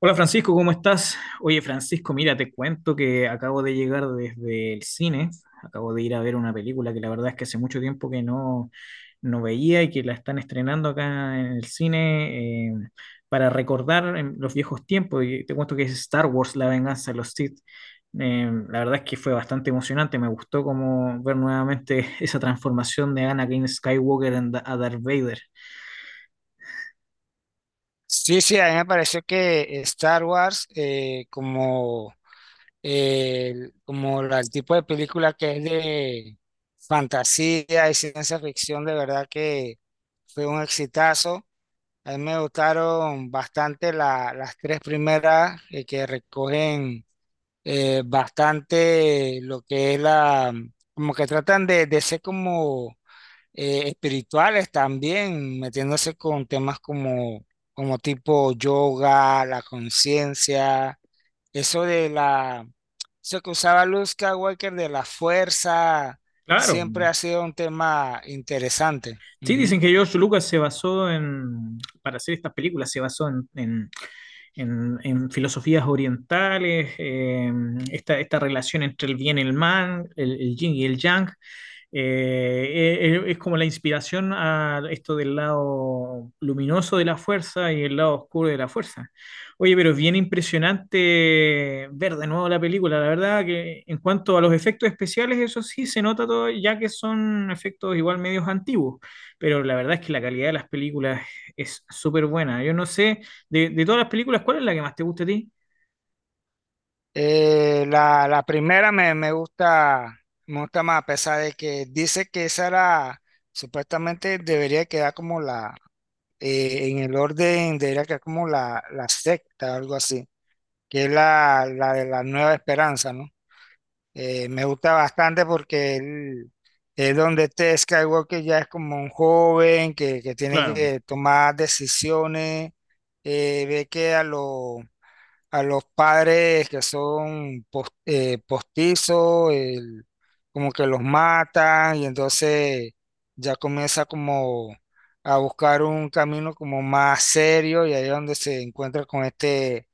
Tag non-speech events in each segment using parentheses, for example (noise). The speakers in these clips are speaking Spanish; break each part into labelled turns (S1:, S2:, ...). S1: Hola Francisco, ¿cómo estás? Oye Francisco, mira, te cuento que acabo de llegar desde el cine, acabo de ir a ver una película que la verdad es que hace mucho tiempo que no veía y que la están estrenando acá en el cine para recordar en los viejos tiempos. Y te cuento que es Star Wars, La venganza de los Sith. La verdad es que fue bastante emocionante, me gustó como ver nuevamente (laughs) esa transformación de Anakin Skywalker en a Darth Vader.
S2: Sí, sí, a mí me pareció que Star Wars, como, el tipo de película que es de fantasía y ciencia ficción, de verdad que fue un exitazo. A mí me gustaron bastante las tres primeras que recogen bastante lo que es como que tratan de ser como espirituales también, metiéndose con temas como, como tipo yoga, la conciencia, eso de la, eso que usaba Luke Skywalker de la fuerza,
S1: Claro.
S2: siempre ha sido un tema interesante.
S1: Sí,
S2: Ujú.
S1: dicen que George Lucas se basó para hacer estas películas, se basó en filosofías orientales, esta relación entre el bien y el mal, el yin y el yang. Es como la inspiración a esto del lado luminoso de la fuerza y el lado oscuro de la fuerza. Oye, pero es bien impresionante ver de nuevo la película. La verdad que en cuanto a los efectos especiales, eso sí se nota todo, ya que son efectos igual medios antiguos, pero la verdad es que la calidad de las películas es súper buena. Yo no sé, de todas las películas, ¿cuál es la que más te gusta a ti?
S2: La primera me gusta más, a pesar de que dice que esa era, supuestamente debería quedar como la, en el orden, debería quedar como la secta, algo así que es la de la Nueva Esperanza, ¿no? Me gusta bastante porque él, es donde este Skywalker ya es como un joven que tiene
S1: Claro.
S2: que tomar decisiones, ve que a, a los padres que son postizos, como que los matan y entonces ya comienza como a buscar un camino como más serio y ahí es donde se encuentra con este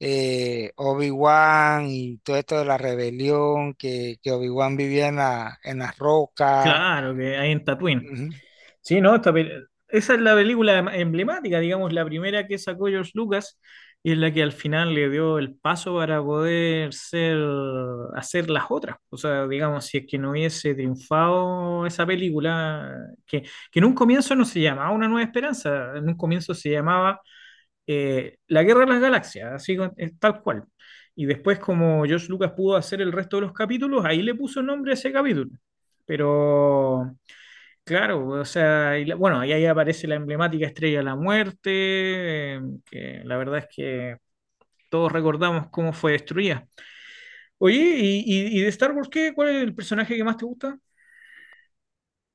S2: Obi-Wan y todo esto de la rebelión, que Obi-Wan vivía en en las rocas.
S1: Claro, que ahí en Tatooine.
S2: Ujú.
S1: Sí, no, esa es la película emblemática, digamos, la primera que sacó George Lucas y es la que al final le dio el paso para poder hacer las otras. O sea, digamos, si es que no hubiese triunfado esa película, que, que en un comienzo no se llamaba Una Nueva Esperanza, en un comienzo se llamaba la Guerra de las Galaxias, así es tal cual. Y después, como George Lucas pudo hacer el resto de los capítulos, ahí le puso nombre a ese capítulo. Pero, claro, o sea, bueno, y ahí aparece la emblemática Estrella de la Muerte, que la verdad es que todos recordamos cómo fue destruida. Oye, y de Star Wars qué? ¿Cuál es el personaje que más te gusta?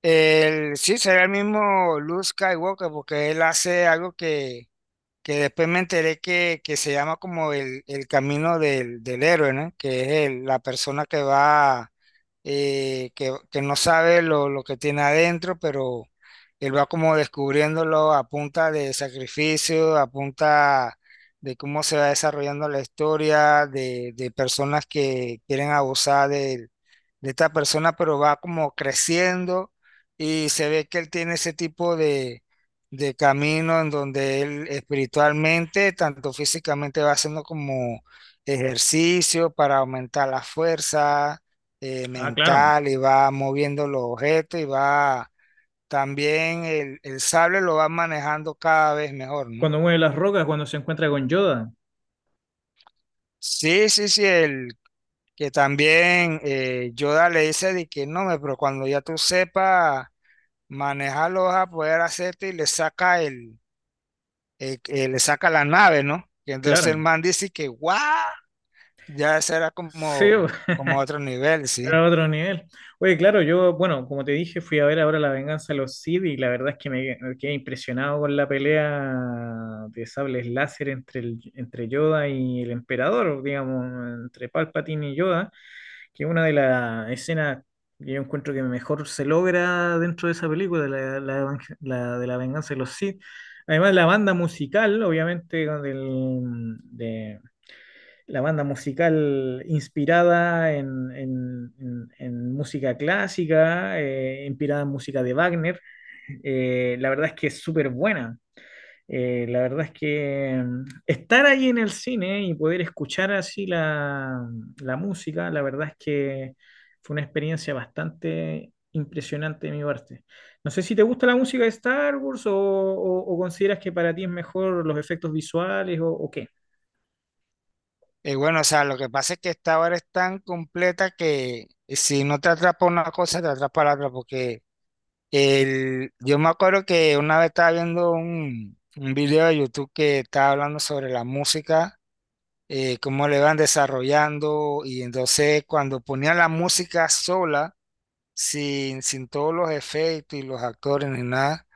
S2: El, sí, sería el mismo Luke Skywalker, porque él hace algo que después me enteré que se llama como el camino del héroe, ¿no? Que es la persona que va, que no sabe lo que tiene adentro, pero él va como descubriéndolo a punta de sacrificio, a punta de cómo se va desarrollando la historia, de personas que quieren abusar de esta persona, pero va como creciendo y se ve que él tiene ese tipo de camino en donde él espiritualmente, tanto físicamente, va haciendo como ejercicio para aumentar la fuerza
S1: Ah, claro,
S2: mental y va moviendo los objetos y va también el sable lo va manejando cada vez mejor, ¿no?
S1: cuando mueve las rocas, cuando se encuentra con Yoda.
S2: Sí, sí, sí, el que también Yoda le dice de que no, me, pero cuando ya tú sepas manejarlo vas a poder hacerte y le saca el le saca la nave, ¿no? Y entonces
S1: Claro.
S2: el man dice que, ¡guau! Ya ese era
S1: Sí.
S2: como,
S1: (laughs)
S2: como otro nivel, ¿sí?
S1: Era otro nivel. Oye, claro, yo, bueno, como te dije, fui a ver ahora La Venganza de los Sith y la verdad es que me quedé impresionado con la pelea de sables láser entre Yoda y el Emperador, digamos, entre Palpatine y Yoda, que es una de las escenas que yo encuentro que mejor se logra dentro de esa película, la de La Venganza de los Sith. Además, la banda musical, obviamente, la banda musical inspirada en música clásica, inspirada en música de Wagner. La verdad es que es súper buena. La verdad es que estar ahí en el cine y poder escuchar así la música, la verdad es que fue una experiencia bastante impresionante de mi parte. No sé si te gusta la música de Star Wars o consideras que para ti es mejor los efectos visuales o qué.
S2: Y bueno, o sea, lo que pasa es que esta hora es tan completa que si no te atrapa una cosa, te atrapa la otra, porque el, yo me acuerdo que una vez estaba viendo un video de YouTube que estaba hablando sobre la música, cómo le van desarrollando, y entonces cuando ponían la música sola, sin todos los efectos y los actores ni nada,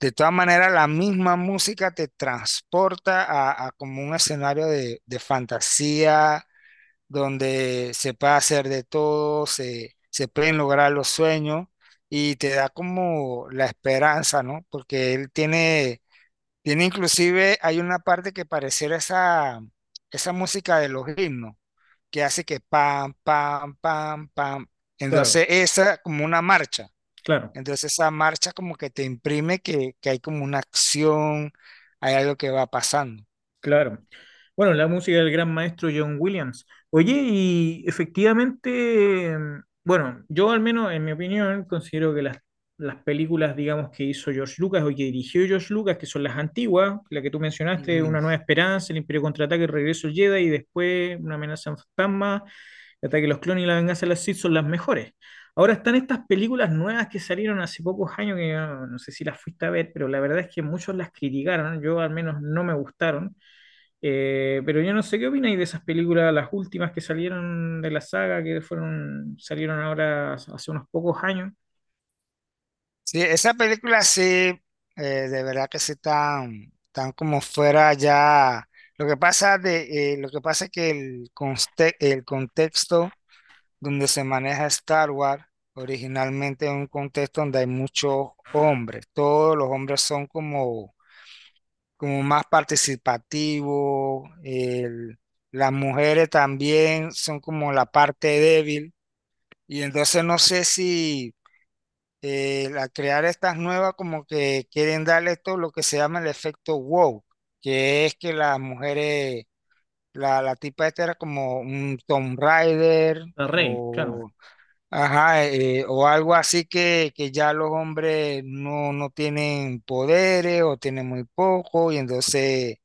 S2: de todas maneras, la misma música te transporta a como un escenario de fantasía, donde se puede hacer de todo, se pueden lograr los sueños y te da como la esperanza, ¿no? Porque él tiene, tiene inclusive, hay una parte que pareciera esa, esa música de los himnos, que hace que pam, pam, pam, pam.
S1: Claro.
S2: Entonces, esa como una marcha.
S1: Claro.
S2: Entonces esa marcha como que te imprime que hay como una acción, hay algo que va pasando.
S1: Claro. Bueno, la música del gran maestro John Williams. Oye, y efectivamente, bueno, yo al menos en mi opinión considero que las películas, digamos, que hizo George Lucas o que dirigió George Lucas, que son las antiguas, la que tú mencionaste,
S2: Ujú.
S1: Una Nueva Esperanza, El Imperio Contraataca, El Regreso del Jedi y después Una Amenaza Fantasma, El Ataque de los Clones y La Venganza de las Sith son las mejores. Ahora están estas películas nuevas que salieron hace pocos años, que ah, no sé si las fuiste a ver, pero la verdad es que muchos las criticaron, yo al menos no me gustaron, pero yo no sé qué opináis de esas películas, las últimas que salieron de la saga, que fueron, salieron ahora hace unos pocos años.
S2: Sí, esa película sí, eh, de verdad que sí tan, tan como fuera ya. Lo que pasa de, lo que pasa es que el, el contexto donde se maneja Star Wars originalmente es un contexto donde hay muchos hombres. Todos los hombres son como como más participativo, las mujeres también son como la parte débil y entonces no sé si al crear estas nuevas como que quieren darle esto lo que se llama el efecto wow, que es que las mujeres, la tipa esta era como un Tomb Raider
S1: El rey, claro.
S2: o, ajá, o algo así que ya los hombres no, no tienen poderes o tienen muy poco y entonces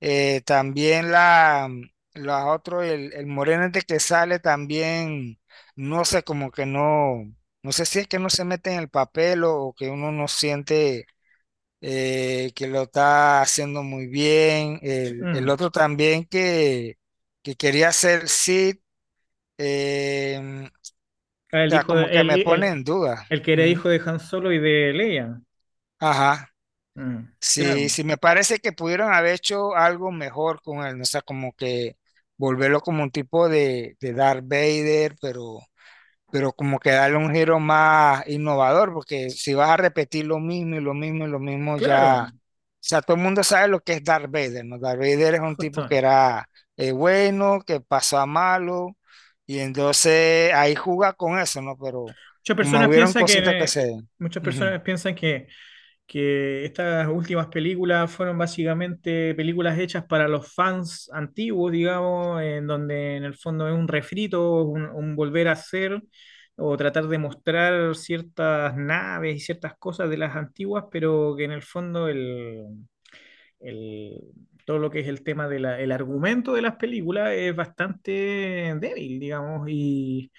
S2: también la otro, el moreno este que sale también, no sé, como que no, no sé si es que no se mete en el papel o que uno no siente que lo está haciendo muy bien. El
S1: Mm.
S2: otro también que quería hacer Sid, o
S1: Ah,
S2: sea, como que me pone en duda.
S1: el que era
S2: Ujú.
S1: hijo de Han Solo y de Leia.
S2: Ajá.
S1: Mm,
S2: Sí,
S1: claro,
S2: sí, me parece que pudieron haber hecho algo mejor con él, ¿no? O sea, como que volverlo como un tipo de Darth Vader, pero como que darle un giro más innovador, porque si vas a repetir lo mismo y lo mismo y lo mismo, ya,
S1: claro,
S2: o sea, todo el mundo sabe lo que es Darth Vader, ¿no? Darth Vader es un tipo que
S1: justamente.
S2: era bueno, que pasó a malo, y entonces ahí juega con eso, ¿no? Pero
S1: Muchas
S2: como
S1: personas
S2: hubieron
S1: piensan
S2: cositas que
S1: que
S2: se...
S1: Muchas
S2: Ujú.
S1: personas piensan que estas últimas películas fueron básicamente películas hechas para los fans antiguos, digamos, en donde en el fondo es un refrito, un volver a hacer o tratar de mostrar ciertas naves y ciertas cosas de las antiguas, pero que en el fondo el- todo lo que es el tema del argumento de las películas es bastante débil, digamos,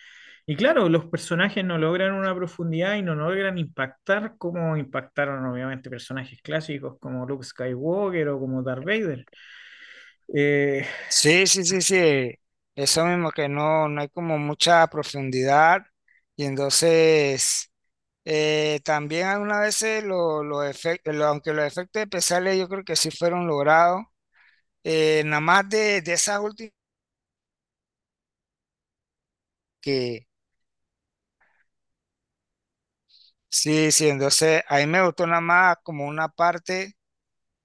S1: y claro, los personajes no logran una profundidad y no logran impactar como impactaron obviamente personajes clásicos como Luke Skywalker o como Darth Vader. Eh,
S2: Sí, sí, sí, sí. Eso mismo, que no, no hay como mucha profundidad. Y entonces, también algunas veces los efectos, aunque los efectos especiales yo creo que sí fueron logrados, nada más de esa última que sí, sí, entonces a mí me gustó nada más como una parte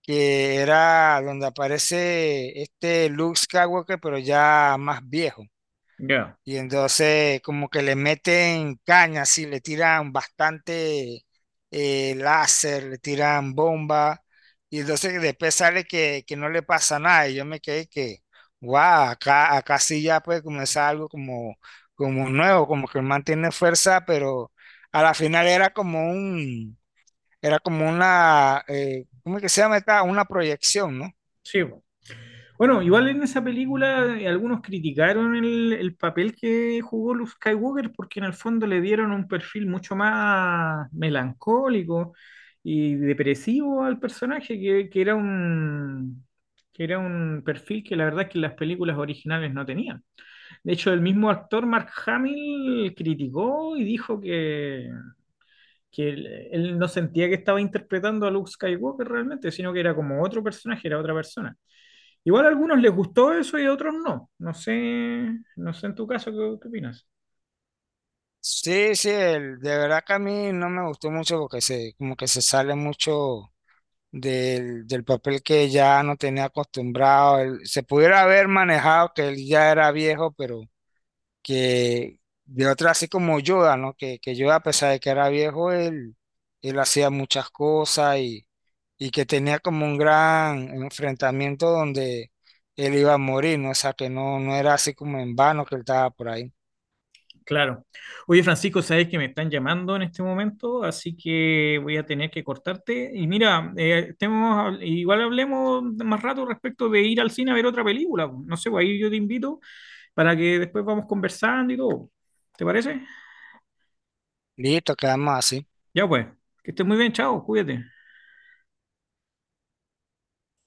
S2: que era donde aparece este Luke Skywalker, pero ya más viejo.
S1: ya,
S2: Y entonces como que le meten cañas y le tiran bastante láser, le tiran bomba. Y entonces después sale que no le pasa nada. Y yo me quedé que, wow, acá, acá sí ya puede comenzar algo como, como nuevo, como que mantiene fuerza, pero a la final era como un, era como una, ¿cómo es que se llama esta? Una proyección, ¿no?
S1: sí, po. Bueno, igual en esa película algunos criticaron el papel que jugó Luke Skywalker porque en el fondo le dieron un perfil mucho más melancólico y depresivo al personaje, que era un perfil que la verdad es que las películas originales no tenían. De hecho, el mismo actor Mark Hamill criticó y dijo que él no sentía que estaba interpretando a Luke Skywalker realmente, sino que era como otro personaje, era otra persona. Igual a algunos les gustó eso y a otros no. No sé, no sé en tu caso qué opinas.
S2: Sí, sí, de verdad que a mí no me gustó mucho porque se, como que se sale mucho del papel que ya no tenía acostumbrado. Se pudiera haber manejado que él ya era viejo, pero que de otra, así como Yoda, ¿no? Que Yoda, a pesar de que era viejo, él hacía muchas cosas y que tenía como un gran enfrentamiento donde él iba a morir, ¿no? O sea, que no, no era así como en vano que él estaba por ahí.
S1: Claro. Oye, Francisco, sabes que me están llamando en este momento, así que voy a tener que cortarte. Y mira, igual hablemos más rato respecto de ir al cine a ver otra película. No sé, pues ahí yo te invito para que después vamos conversando y todo. ¿Te parece?
S2: Listo, quedamos así.
S1: Ya pues, que estés muy bien, chao, cuídate.